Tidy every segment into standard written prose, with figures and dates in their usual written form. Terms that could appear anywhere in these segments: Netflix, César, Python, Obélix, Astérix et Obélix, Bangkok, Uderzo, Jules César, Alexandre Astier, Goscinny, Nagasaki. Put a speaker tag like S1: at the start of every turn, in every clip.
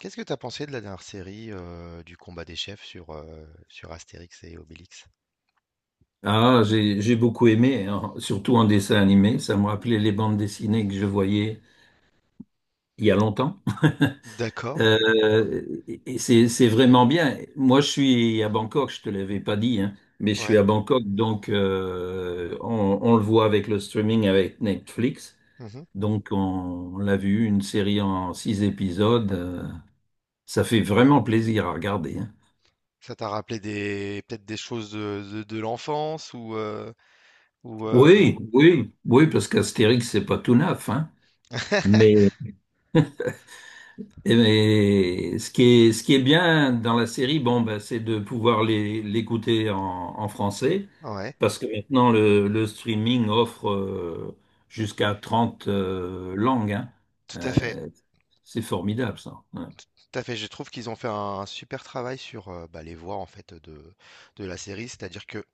S1: Qu'est-ce que t'as pensé de la dernière série du combat des chefs sur Astérix et Obélix?
S2: Ah, j'ai beaucoup aimé, hein, surtout en dessin animé. Ça m'a rappelé les bandes dessinées que je voyais il y a longtemps.
S1: D'accord,
S2: Et c'est vraiment bien. Moi, je suis à Bangkok. Je te l'avais pas dit, hein, mais je suis
S1: ouais.
S2: à Bangkok, donc on le voit avec le streaming avec Netflix.
S1: Mhm.
S2: Donc, on l'a vu une série en six épisodes. Ça fait vraiment plaisir à regarder, hein.
S1: Ça t'a rappelé des peut-être des choses de l'enfance ou
S2: Oui, oui, oui, parce qu'Astérix, c'est pas tout neuf, hein. Mais mais ce qui est bien dans la série, bon, ben, c'est de pouvoir l'écouter en, en français,
S1: ouais,
S2: parce que maintenant le streaming offre jusqu'à 30 langues, hein.
S1: tout à fait,
S2: Euh, c'est formidable ça. Ouais.
S1: tout à fait. Je trouve qu'ils ont fait un super travail sur les voix en fait de la série, c'est-à-dire que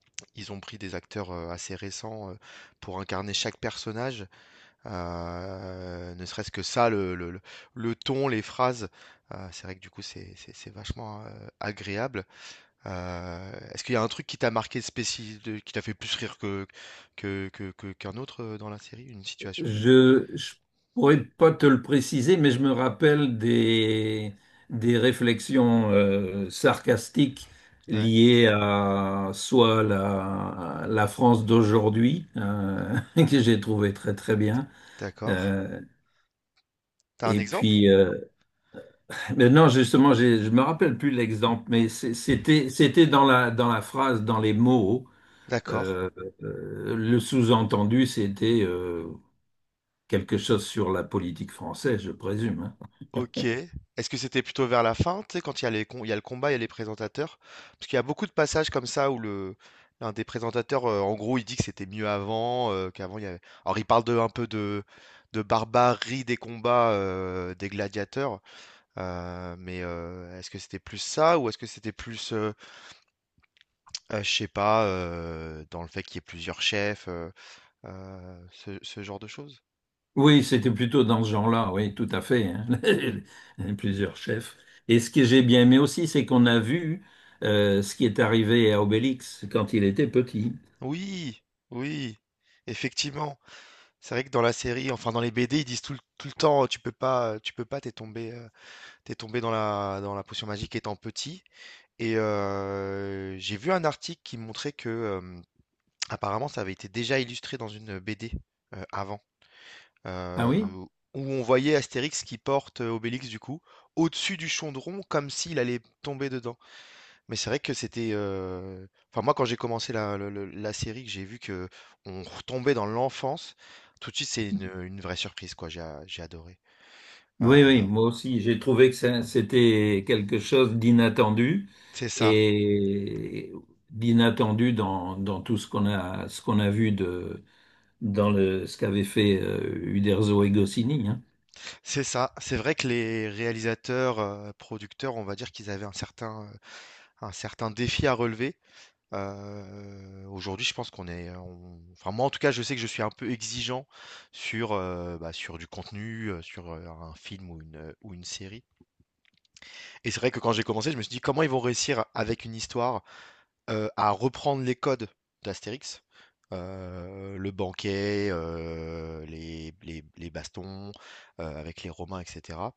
S1: ils ont pris des acteurs assez récents pour incarner chaque personnage. Ne serait-ce que ça, le ton, les phrases, c'est vrai que du coup c'est vachement agréable. Est-ce qu'il y a un truc qui t'a marqué spécial, qui t'a fait plus rire qu'un autre dans la série, une situation?
S2: Je pourrais pas te le préciser, mais je me rappelle des réflexions sarcastiques
S1: Ouais,
S2: liées à soit la, la France d'aujourd'hui, que j'ai trouvé très très bien,
S1: d'accord.
S2: euh,
S1: T'as un
S2: et
S1: exemple?
S2: puis mais non justement je me rappelle plus l'exemple, mais c'était dans la phrase, dans les mots,
S1: D'accord.
S2: euh, le sous-entendu c'était quelque chose sur la politique française, je présume, hein.
S1: OK. Est-ce que c'était plutôt vers la fin, tu sais, quand il y a les com il y a le combat, il y a les présentateurs? Parce qu'il y a beaucoup de passages comme ça où le l'un des présentateurs, en gros, il dit que c'était mieux avant, qu'avant il y avait alors il parle de un peu de barbarie des combats, des gladiateurs, est-ce que c'était plus ça ou est-ce que c'était plus, je sais pas, dans le fait qu'il y ait plusieurs chefs, ce ce genre de choses?
S2: Oui, c'était plutôt dans ce genre-là, oui, tout à fait, hein. Plusieurs chefs. Et ce que j'ai bien aimé aussi, c'est qu'on a vu ce qui est arrivé à Obélix quand il était petit.
S1: Oui! Oui! Effectivement. C'est vrai que dans la série, enfin dans les BD, ils disent tout le temps, tu peux pas, t'es tombé dans dans la potion magique étant petit. Et j'ai vu un article qui montrait que apparemment, ça avait été déjà illustré dans une BD avant,
S2: Ah
S1: euh,
S2: oui?
S1: où on voyait Astérix qui porte Obélix du coup au-dessus du chaudron comme s'il allait tomber dedans. Mais c'est vrai que c'était. Enfin, moi, quand j'ai commencé la série, que j'ai vu que on retombait dans l'enfance, tout de suite, c'est une vraie surprise, quoi. J'ai adoré. Euh,
S2: Oui, oui, moi aussi, j'ai trouvé que c'était quelque chose d'inattendu
S1: c'est ça,
S2: et d'inattendu dans, dans tout ce qu'on a vu de, dans le, ce qu'avait fait Uderzo et Goscinny, hein.
S1: c'est ça. C'est vrai que les réalisateurs, producteurs, on va dire qu'ils avaient un certain défi à relever. Aujourd'hui, je pense enfin, moi, en tout cas, je sais que je suis un peu exigeant sur du contenu, sur un film ou ou une série. Et c'est vrai que quand j'ai commencé, je me suis dit comment ils vont réussir avec une histoire à reprendre les codes d'Astérix, le banquet, les bastons avec les Romains, etc.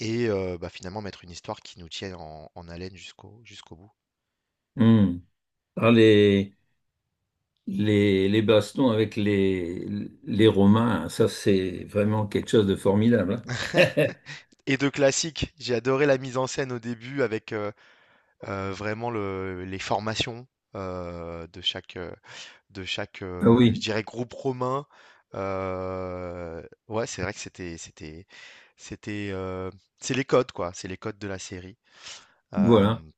S1: Et finalement mettre une histoire qui nous tienne en haleine jusqu'au bout.
S2: Hmm. Ah, les- les bastons avec les Romains, ça c'est vraiment quelque chose de formidable, hein.
S1: Et de classique, j'ai adoré la mise en scène au début avec vraiment les formations euh, de chaque, euh, de chaque,
S2: Ah
S1: je
S2: oui,
S1: dirais groupe romain. Ouais, c'est vrai que c'était, heu, c'est les codes quoi, c'est les codes de la série.
S2: voilà.
S1: Hem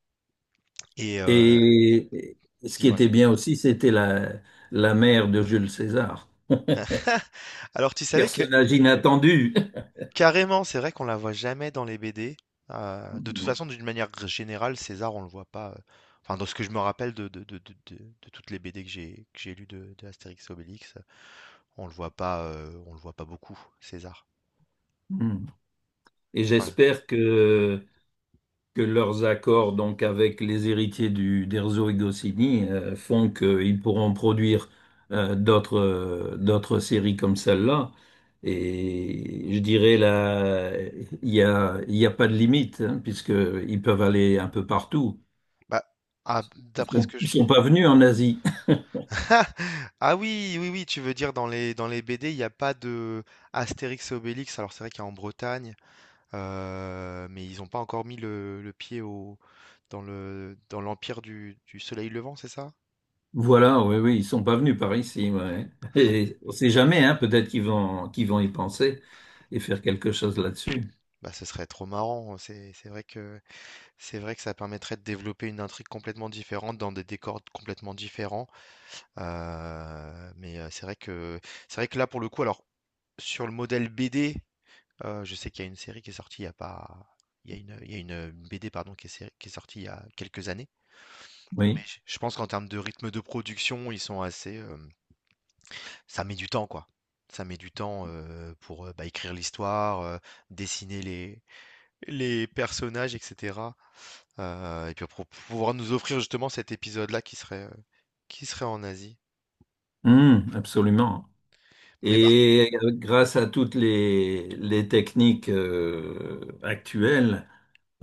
S1: et heu,
S2: Et ce qui était
S1: dis-moi?
S2: bien aussi, c'était la, la mère de Jules César.
S1: Alors tu savais que
S2: Personnage inattendu.
S1: carrément, c'est vrai qu'on la voit jamais dans les BD. De toute
S2: Non.
S1: façon, d'une manière gr générale, César, on le voit pas, enfin dans ce que je me rappelle de toutes les BD que j'ai lues de Astérix et Obélix, on le voit pas, on le voit pas beaucoup, César.
S2: Mm. Et
S1: Enfin,
S2: j'espère que leurs accords donc avec les héritiers du d'Erzo et Goscinny font qu'ils pourront produire euh, d'autres d'autres séries comme celle-là. Et je dirais là, il y a pas de limite, hein, puisque ils peuvent aller un peu partout.
S1: bah, ah, d'après ce que
S2: Ils
S1: je
S2: sont pas venus en Asie.
S1: ah oui, oui, oui, tu veux dire dans les BD, il n'y a pas de Astérix et Obélix. Alors c'est vrai qu'il y a en Bretagne, mais ils n'ont pas encore mis le pied au dans le dans l'empire du Soleil Levant, c'est ça?
S2: Voilà, oui, oui, ils sont pas venus par ici. Ouais. Et on sait jamais, hein, peut-être qu'ils vont y penser et faire quelque chose là-dessus.
S1: Bah ce serait trop marrant. C'est vrai que ça permettrait de développer une intrigue complètement différente dans des décors complètement différents. C'est vrai que là pour le coup, alors sur le modèle BD. Je sais qu'il y a une série qui est sortie il y a pas il y a une il y a une BD pardon qui est sé qui est sortie il y a quelques années, mais
S2: Oui.
S1: je pense qu'en termes de rythme de production, ils sont assez, hem, ça met du temps quoi. Ça met du temps, écrire l'histoire, dessiner les personnages et cetera, et puis pour pouvoir nous offrir justement cet épisode-là qui serait en Asie.
S2: Absolument.
S1: Mais par
S2: Et grâce à toutes les techniques actuelles,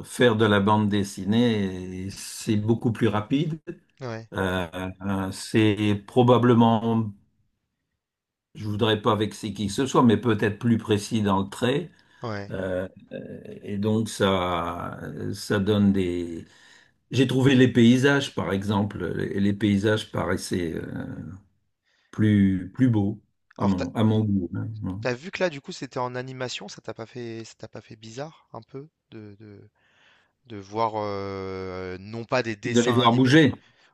S2: faire de la bande dessinée, c'est beaucoup plus rapide.
S1: ouais, ouais,
S2: C'est probablement, je voudrais pas vexer qui que ce soit, mais peut-être plus précis dans le trait.
S1: ouais.
S2: Et donc ça donne des. J'ai trouvé les paysages, par exemple, et les paysages paraissaient plus plus beaux
S1: Alors t'as as
S2: à mon goût, hein, hein.
S1: vu que là du coup c'était en animation, ça t'a pas fait bizarre un peu de voir, non pas des
S2: De les
S1: dessins
S2: voir
S1: animés
S2: bouger.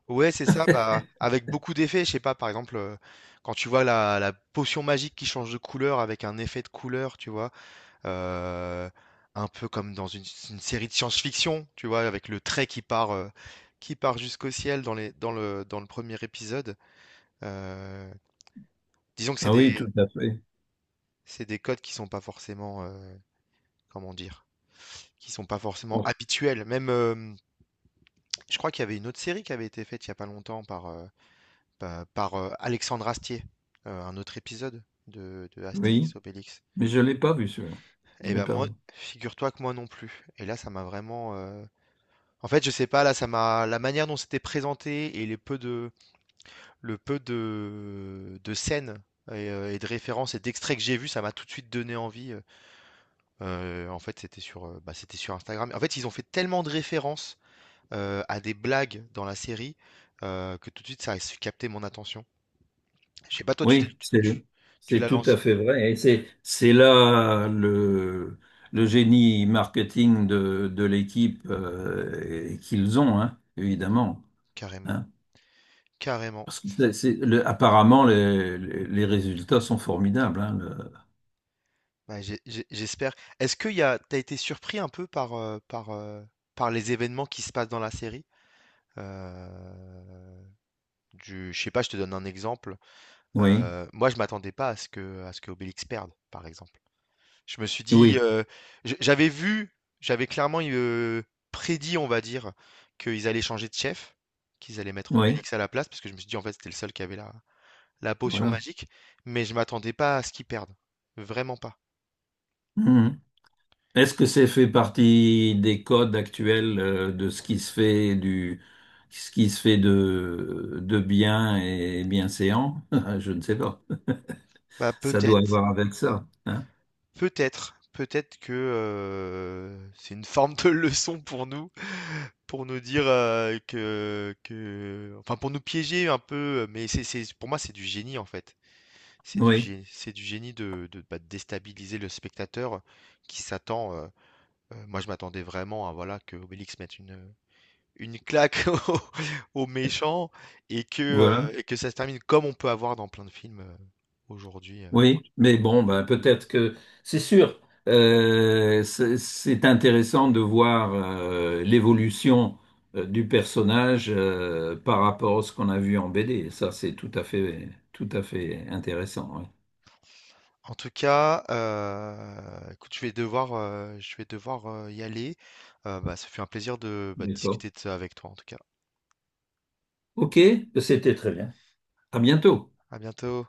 S1: ouais, c'est ça, bah, avec beaucoup d'effets, je sais pas, par exemple, quand tu vois la potion magique qui change de couleur avec un effet de couleur, tu vois? Heu, un peu comme dans une série de science-fiction, tu vois? Avec le trait qui part jusqu'au ciel dans les dans le premier épisode. Heu, Disons que
S2: Ah oui, tout à fait.
S1: c'est des codes qui sont pas forcément, comment dire? Qui sont pas forcément
S2: Bon.
S1: habituels. Même, hem, je crois qu'il y avait une autre série qui avait été faite il y a pas longtemps par, Alexandre Astier, un autre épisode de
S2: Oui,
S1: Astérix Obélix.
S2: mais je ne l'ai pas vu celui-là. Je
S1: Et
S2: l'ai
S1: ben
S2: pas
S1: moi,
S2: vu.
S1: figure-toi que moi non plus. Et là, ça m'a vraiment. En fait, je sais pas, là, ça m'a. la manière dont c'était présenté et le peu de scènes et de références et d'extraits que j'ai vus, ça m'a tout de suite donné envie. En fait, c'était sur Instagram. En fait, ils ont fait tellement de références à des blagues dans la série que tout de suite, ça a su capter mon attention. Je sais pas, toi, tu t'es-
S2: Oui,
S1: tu,
S2: c'est
S1: tu- tu
S2: c'est
S1: l'as
S2: tout à
S1: lancé.
S2: fait vrai. Et c'est là le génie marketing de l'équipe et qu'ils ont, hein, évidemment,
S1: Carrément,
S2: hein.
S1: carrément.
S2: Parce que apparemment, les, les résultats sont formidables, hein,
S1: Bah, j'espère. Est-ce que t'as été surpris un peu par les événements qui se passent dans la série? Euh, je sais pas, je te donne un exemple.
S2: oui,
S1: Moi, je m'attendais pas à ce que, à ce que Obélix perde, par exemple. Je me suis dit,
S2: oui,
S1: j- J'avais vu, j'avais clairement prédit, on va dire, qu'ils allaient changer de chef, qu'ils allaient mettre
S2: oui,
S1: Obélix à la place, parce que je me suis dit, en fait, c'était le seul qui avait la potion
S2: voilà.
S1: magique, mais je m'attendais pas à ce qu'il perde. Vraiment pas.
S2: Mhm. Est-ce que c'est fait partie des codes actuels de ce qui se fait du ce qui se fait de bien et bienséant? Je ne sais pas.
S1: Bah,
S2: Ça doit avoir avec ça, hein.
S1: peut-être que c'est une forme de leçon pour nous dire enfin pour nous piéger un peu. Mais pour moi, c'est du génie en fait.
S2: Oui,
S1: C'est du génie de déstabiliser le spectateur qui s'attend. Moi, je m'attendais vraiment à voilà que Obélix mette une claque aux aux méchants et
S2: voilà.
S1: et que ça se termine comme on peut avoir dans plein de films, aujourd'hui.
S2: Oui, mais bon, ben, peut-être que c'est sûr. C'est intéressant de voir l'évolution du personnage par rapport à ce qu'on a vu en BD. Ça, c'est tout à fait intéressant, oui.
S1: En tout cas, écoute, je vais devoir, y aller. Ça fait un plaisir de, bah, de
S2: D'accord.
S1: discuter de ça avec toi, en tout cas.
S2: Ok, c'était très bien. À bientôt.
S1: À bientôt.